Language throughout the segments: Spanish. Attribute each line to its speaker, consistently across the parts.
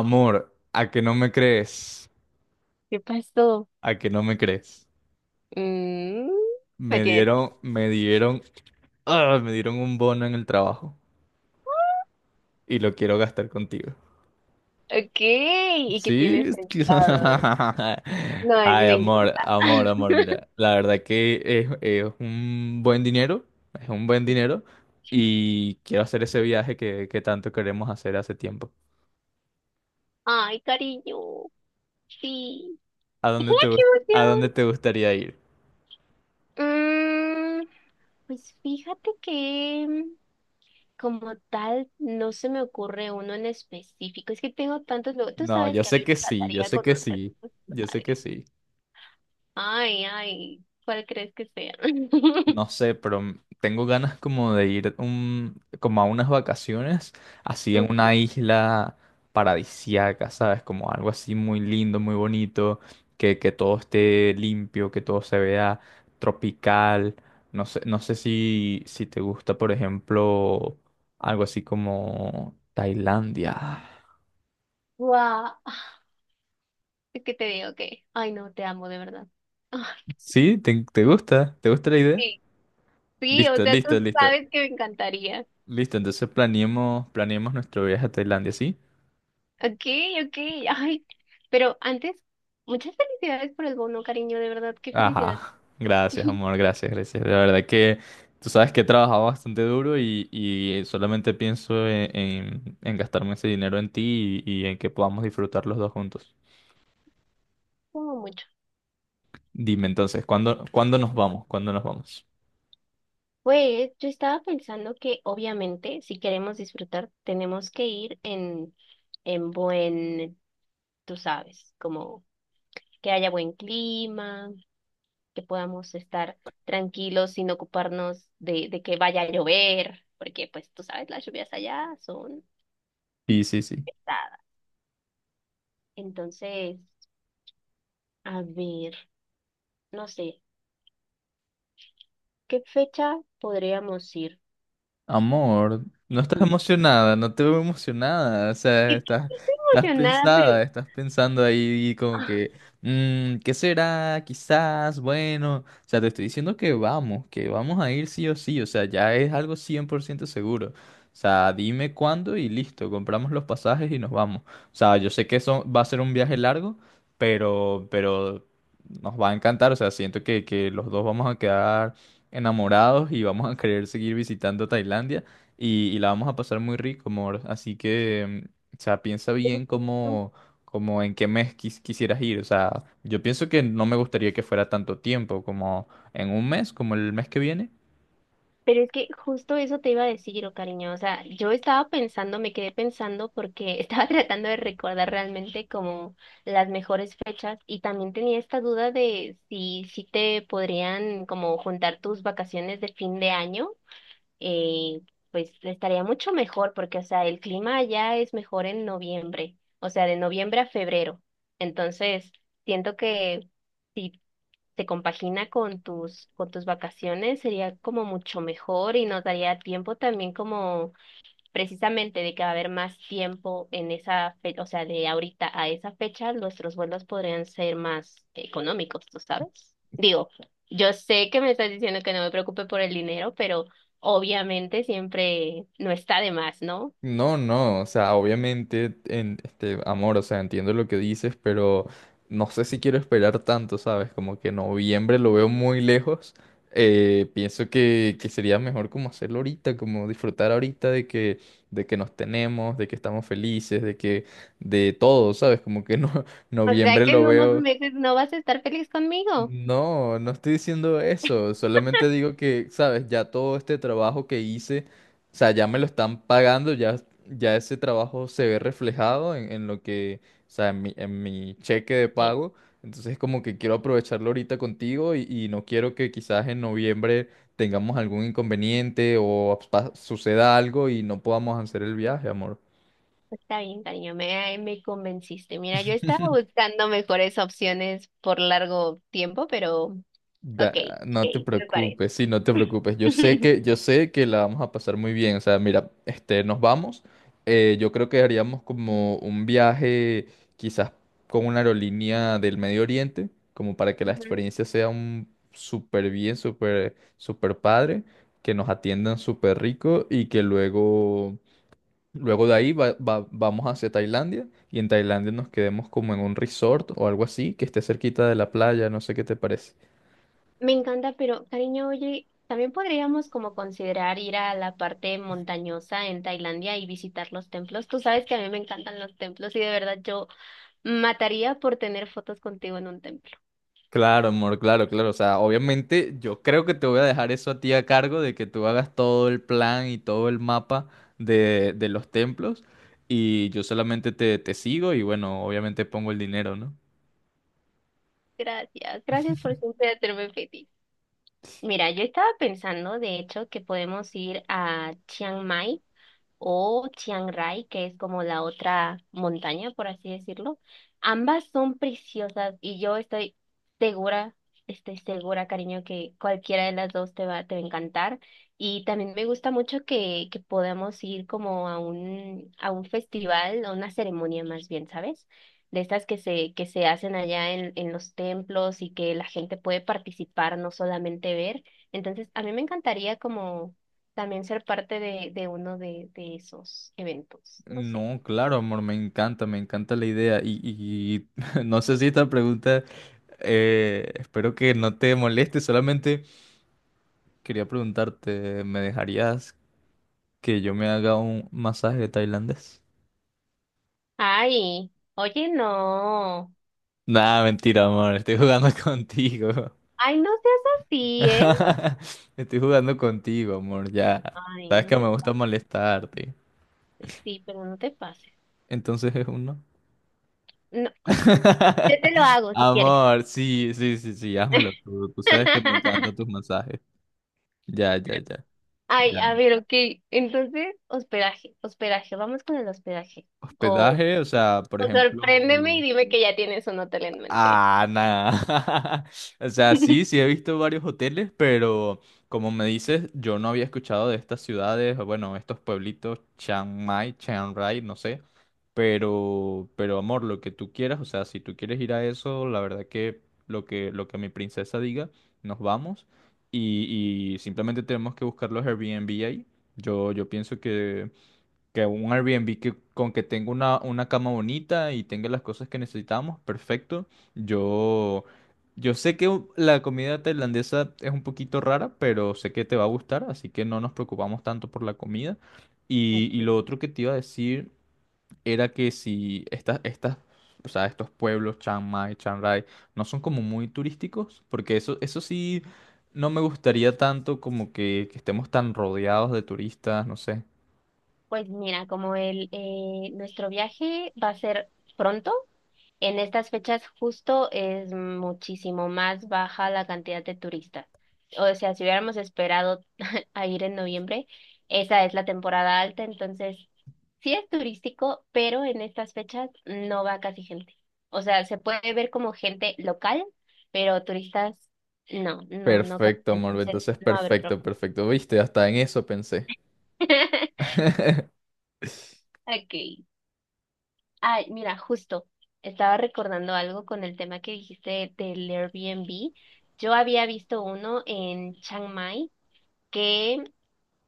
Speaker 1: Amor, a que no me crees,
Speaker 2: ¿Qué pasó?
Speaker 1: a que no me crees.
Speaker 2: Mm, me
Speaker 1: Me
Speaker 2: tienes.
Speaker 1: dieron, me dieron, Me dieron un bono en el trabajo y lo quiero gastar contigo.
Speaker 2: Ok, ¿y qué
Speaker 1: Sí.
Speaker 2: tienes pensado? No,
Speaker 1: Ay,
Speaker 2: me
Speaker 1: amor,
Speaker 2: encanta.
Speaker 1: amor, amor, mira, la verdad que es un buen dinero, es un buen dinero y quiero hacer ese viaje que tanto queremos hacer hace tiempo.
Speaker 2: Ay, cariño. Sí.
Speaker 1: ¿A
Speaker 2: ¡Ay,
Speaker 1: dónde te,
Speaker 2: qué
Speaker 1: gust- a dónde
Speaker 2: emoción!
Speaker 1: te gustaría ir?
Speaker 2: Mm, pues fíjate que como tal no se me ocurre uno en específico. Es que tengo tantos lugares. Tú
Speaker 1: No,
Speaker 2: sabes
Speaker 1: yo
Speaker 2: que a mí
Speaker 1: sé
Speaker 2: me
Speaker 1: que sí, yo
Speaker 2: encantaría
Speaker 1: sé que
Speaker 2: conocer
Speaker 1: sí,
Speaker 2: muchos
Speaker 1: yo sé que
Speaker 2: lugares.
Speaker 1: sí.
Speaker 2: Ay, ay, ¿cuál crees que sea?
Speaker 1: No sé, pero tengo ganas como de como a unas vacaciones, así en una isla paradisíaca, ¿sabes? Como algo así muy lindo, muy bonito, que todo esté limpio, que todo se vea tropical. No sé, no sé si te gusta, por ejemplo, algo así como Tailandia.
Speaker 2: Guau. Es que te digo que, ay no, te amo de verdad. Ay,
Speaker 1: ¿Sí? ¿Te gusta? ¿Te gusta la idea?
Speaker 2: sí. Sí, o
Speaker 1: Listo,
Speaker 2: sea, tú
Speaker 1: listo, listo.
Speaker 2: sabes que me encantaría.
Speaker 1: Listo, entonces planeemos, planeemos nuestro viaje a Tailandia, ¿sí?
Speaker 2: Ok, ok, ay. Pero antes, muchas felicidades por el bono, cariño, de verdad, qué felicidad.
Speaker 1: Ajá, gracias, amor, gracias, gracias. La verdad que tú sabes que he trabajado bastante duro y solamente pienso en gastarme ese dinero en ti y en que podamos disfrutar los dos juntos.
Speaker 2: Como mucho.
Speaker 1: Dime entonces, ¿cuándo, cuándo nos vamos? ¿Cuándo nos vamos?
Speaker 2: Pues yo estaba pensando que obviamente si queremos disfrutar tenemos que ir en buen, tú sabes, como que haya buen clima, que podamos estar tranquilos sin ocuparnos de que vaya a llover, porque pues tú sabes, las lluvias allá son
Speaker 1: Sí, sí, sí.
Speaker 2: pesadas. Entonces, a ver, no sé, ¿qué fecha podríamos ir
Speaker 1: Amor,
Speaker 2: a
Speaker 1: no estás
Speaker 2: Yu?
Speaker 1: emocionada, no te veo emocionada, o sea,
Speaker 2: Es que
Speaker 1: estás,
Speaker 2: estoy
Speaker 1: estás
Speaker 2: emocionada, pero...
Speaker 1: pensada, estás pensando ahí como que, ¿qué será? Quizás, bueno, o sea, te estoy diciendo que vamos a ir sí o sí, o sea, ya es algo 100% seguro. O sea, dime cuándo y listo, compramos los pasajes y nos vamos. O sea, yo sé que eso va a ser un viaje largo, pero nos va a encantar, o sea, siento que los dos vamos a quedar enamorados y vamos a querer seguir visitando Tailandia y la vamos a pasar muy rico, amor. Así que, o sea, piensa bien
Speaker 2: ah,
Speaker 1: cómo, cómo en qué mes quisieras ir. O sea, yo pienso que no me gustaría que fuera tanto tiempo, como en un mes, como el mes que viene.
Speaker 2: pero es que justo eso te iba a decir, oh, cariño. O sea, yo estaba pensando, me quedé pensando porque estaba tratando de recordar realmente como las mejores fechas y también tenía esta duda de si te podrían como juntar tus vacaciones de fin de año. Eh, pues estaría mucho mejor porque, o sea, el clima allá es mejor en noviembre, o sea, de noviembre a febrero. Entonces, siento que... si se compagina con tus vacaciones, sería como mucho mejor y nos daría tiempo también como precisamente de que va a haber más tiempo en esa fecha, o sea, de ahorita a esa fecha, nuestros vuelos podrían ser más económicos, ¿tú sabes? Digo, yo sé que me estás diciendo que no me preocupe por el dinero, pero obviamente siempre no está de más, ¿no?
Speaker 1: No, no, o sea, obviamente, amor, o sea, entiendo lo que dices, pero no sé si quiero esperar tanto, ¿sabes? Como que noviembre lo veo muy lejos. Pienso que sería mejor como hacerlo ahorita, como disfrutar ahorita de que nos tenemos, de que estamos felices, de que, de todo, ¿sabes? Como que no,
Speaker 2: O sea
Speaker 1: noviembre
Speaker 2: que
Speaker 1: lo
Speaker 2: en unos
Speaker 1: veo.
Speaker 2: meses no vas a estar feliz conmigo.
Speaker 1: No, no estoy diciendo eso, solamente digo que, sabes, ya todo este trabajo que hice, o sea, ya me lo están pagando, ya, ya ese trabajo se ve reflejado en lo que, o sea, en mi cheque de pago, entonces como que quiero aprovecharlo ahorita contigo y no quiero que quizás en noviembre tengamos algún inconveniente o suceda algo y no podamos hacer el viaje, amor.
Speaker 2: Pues, está bien, cariño, me convenciste. Mira, yo estaba buscando mejores opciones por largo tiempo, pero ok, ok,
Speaker 1: No te
Speaker 2: me parece.
Speaker 1: preocupes, sí, no te preocupes. Yo sé que la vamos a pasar muy bien. O sea, mira, este, nos vamos. Yo creo que haríamos como un viaje, quizás con una aerolínea del Medio Oriente, como para que la
Speaker 2: Ujú.
Speaker 1: experiencia sea un súper bien, súper, súper padre, que nos atiendan súper rico y que luego, luego de ahí vamos hacia Tailandia y en Tailandia nos quedemos como en un resort o algo así, que esté cerquita de la playa, no sé qué te parece.
Speaker 2: Me encanta, pero cariño, oye, también podríamos como considerar ir a la parte montañosa en Tailandia y visitar los templos. Tú sabes que a mí me encantan los templos y de verdad yo mataría por tener fotos contigo en un templo.
Speaker 1: Claro, amor, claro, claro. O sea, obviamente yo creo que te voy a dejar eso a ti a cargo de que tú hagas todo el plan y todo el mapa de los templos y yo solamente te sigo y bueno, obviamente pongo el dinero, ¿no?
Speaker 2: Gracias, gracias por siempre hacerme feliz. Mira, yo estaba pensando, de hecho, que podemos ir a Chiang Mai o Chiang Rai, que es como la otra montaña, por así decirlo. Ambas son preciosas y yo segura, estoy segura, cariño, que cualquiera de las dos te va a encantar. Y también me gusta mucho que podamos ir como a un festival, a una ceremonia más bien, ¿sabes? De estas que se hacen allá en los templos y que la gente puede participar, no solamente ver. Entonces, a mí me encantaría como también ser parte de uno de esos eventos. No sé.
Speaker 1: No, claro, amor, me encanta la idea no sé si esta pregunta, espero que no te moleste, solamente quería preguntarte, ¿me dejarías que yo me haga un masaje tailandés?
Speaker 2: Ay, oye, no.
Speaker 1: Nada, mentira, amor, estoy jugando contigo.
Speaker 2: Ay, no seas así, ¿eh?
Speaker 1: Estoy jugando contigo, amor, ya.
Speaker 2: Ay,
Speaker 1: Sabes
Speaker 2: no
Speaker 1: que me
Speaker 2: te
Speaker 1: gusta molestarte.
Speaker 2: pases. Sí, pero no te pases.
Speaker 1: Entonces es uno.
Speaker 2: No, yo te lo hago si quieres.
Speaker 1: Amor, sí, sí, sí, sí, házmelo tú. Tú sabes que me encantan tus masajes. Ya, ya, ya.
Speaker 2: Ay,
Speaker 1: Ya.
Speaker 2: a ver, ok. Entonces, hospedaje, hospedaje, vamos con el hospedaje. O,
Speaker 1: Hospedaje, o sea, por
Speaker 2: o
Speaker 1: ejemplo.
Speaker 2: sorpréndeme y dime que ya tienes un hotel en mente.
Speaker 1: Ah, nada. O sea, sí, sí he visto varios hoteles, pero como me dices, yo no había escuchado de estas ciudades, o bueno, estos pueblitos, Chiang Mai, Chiang Rai, no sé. Pero amor, lo que tú quieras, o sea, si tú quieres ir a eso, la verdad que lo que mi princesa diga, nos vamos. Y simplemente tenemos que buscar los Airbnb ahí. Yo pienso que un Airbnb que con que tenga una cama bonita y tenga las cosas que necesitamos, perfecto. Yo, yo sé que la comida tailandesa es un poquito rara, pero sé que te va a gustar, así que no nos preocupamos tanto por la comida.
Speaker 2: Ok.
Speaker 1: Y lo otro que te iba a decir era que si o sea, estos pueblos, Chiang Mai, Chiang Rai, no son como muy turísticos, porque eso sí, no me gustaría tanto como que estemos tan rodeados de turistas, no sé.
Speaker 2: Pues mira, como el nuestro viaje va a ser pronto, en estas fechas justo es muchísimo más baja la cantidad de turistas. O sea, si hubiéramos esperado a ir en noviembre, esa es la temporada alta, entonces sí es turístico, pero en estas fechas no va casi gente. O sea, se puede ver como gente local, pero turistas no, no, no casi,
Speaker 1: Perfecto, amor.
Speaker 2: entonces
Speaker 1: Entonces,
Speaker 2: no va a haber problema.
Speaker 1: perfecto, perfecto. Viste, hasta en eso pensé.
Speaker 2: Ok. Ay, mira, justo, estaba recordando algo con el tema que dijiste del Airbnb. Yo había visto uno en Chiang Mai que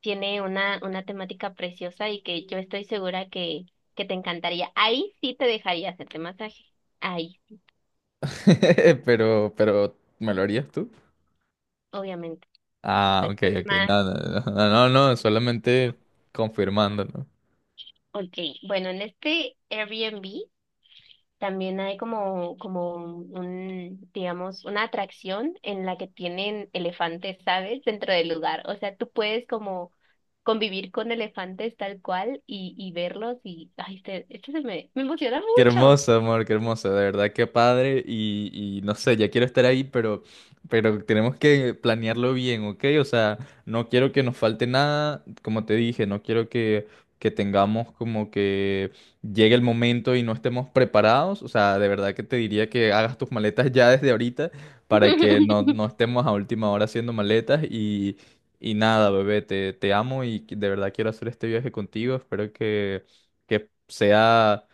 Speaker 2: tiene una temática preciosa y que yo estoy segura que te encantaría. Ahí sí te dejaría hacerte masaje. Ahí,
Speaker 1: Pero, ¿me lo harías tú?
Speaker 2: obviamente.
Speaker 1: Ah,
Speaker 2: Pero
Speaker 1: ok,
Speaker 2: es
Speaker 1: ok.
Speaker 2: más,
Speaker 1: No, no, no, no, no, no, solamente confirmando, ¿no?
Speaker 2: ok. Bueno, en este Airbnb también hay como, como un, digamos, una atracción en la que tienen elefantes, ¿sabes? Dentro del lugar. O sea, tú puedes como convivir con elefantes tal cual y verlos y, ay, esto se me emociona
Speaker 1: Qué
Speaker 2: mucho.
Speaker 1: hermoso, amor, qué hermoso, de verdad, qué padre. Y no sé, ya quiero estar ahí, pero tenemos que planearlo bien, ¿ok? O sea, no quiero que nos falte nada, como te dije, no quiero que tengamos como que llegue el momento y no estemos preparados. O sea, de verdad que te diría que hagas tus maletas ya desde ahorita para que no, no estemos a última hora haciendo maletas. Y nada, bebé, te amo y de verdad quiero hacer este viaje contigo. Espero que sea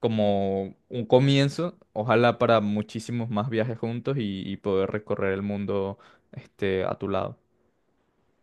Speaker 1: como un comienzo, ojalá para muchísimos más viajes juntos y poder recorrer el mundo este, a tu lado.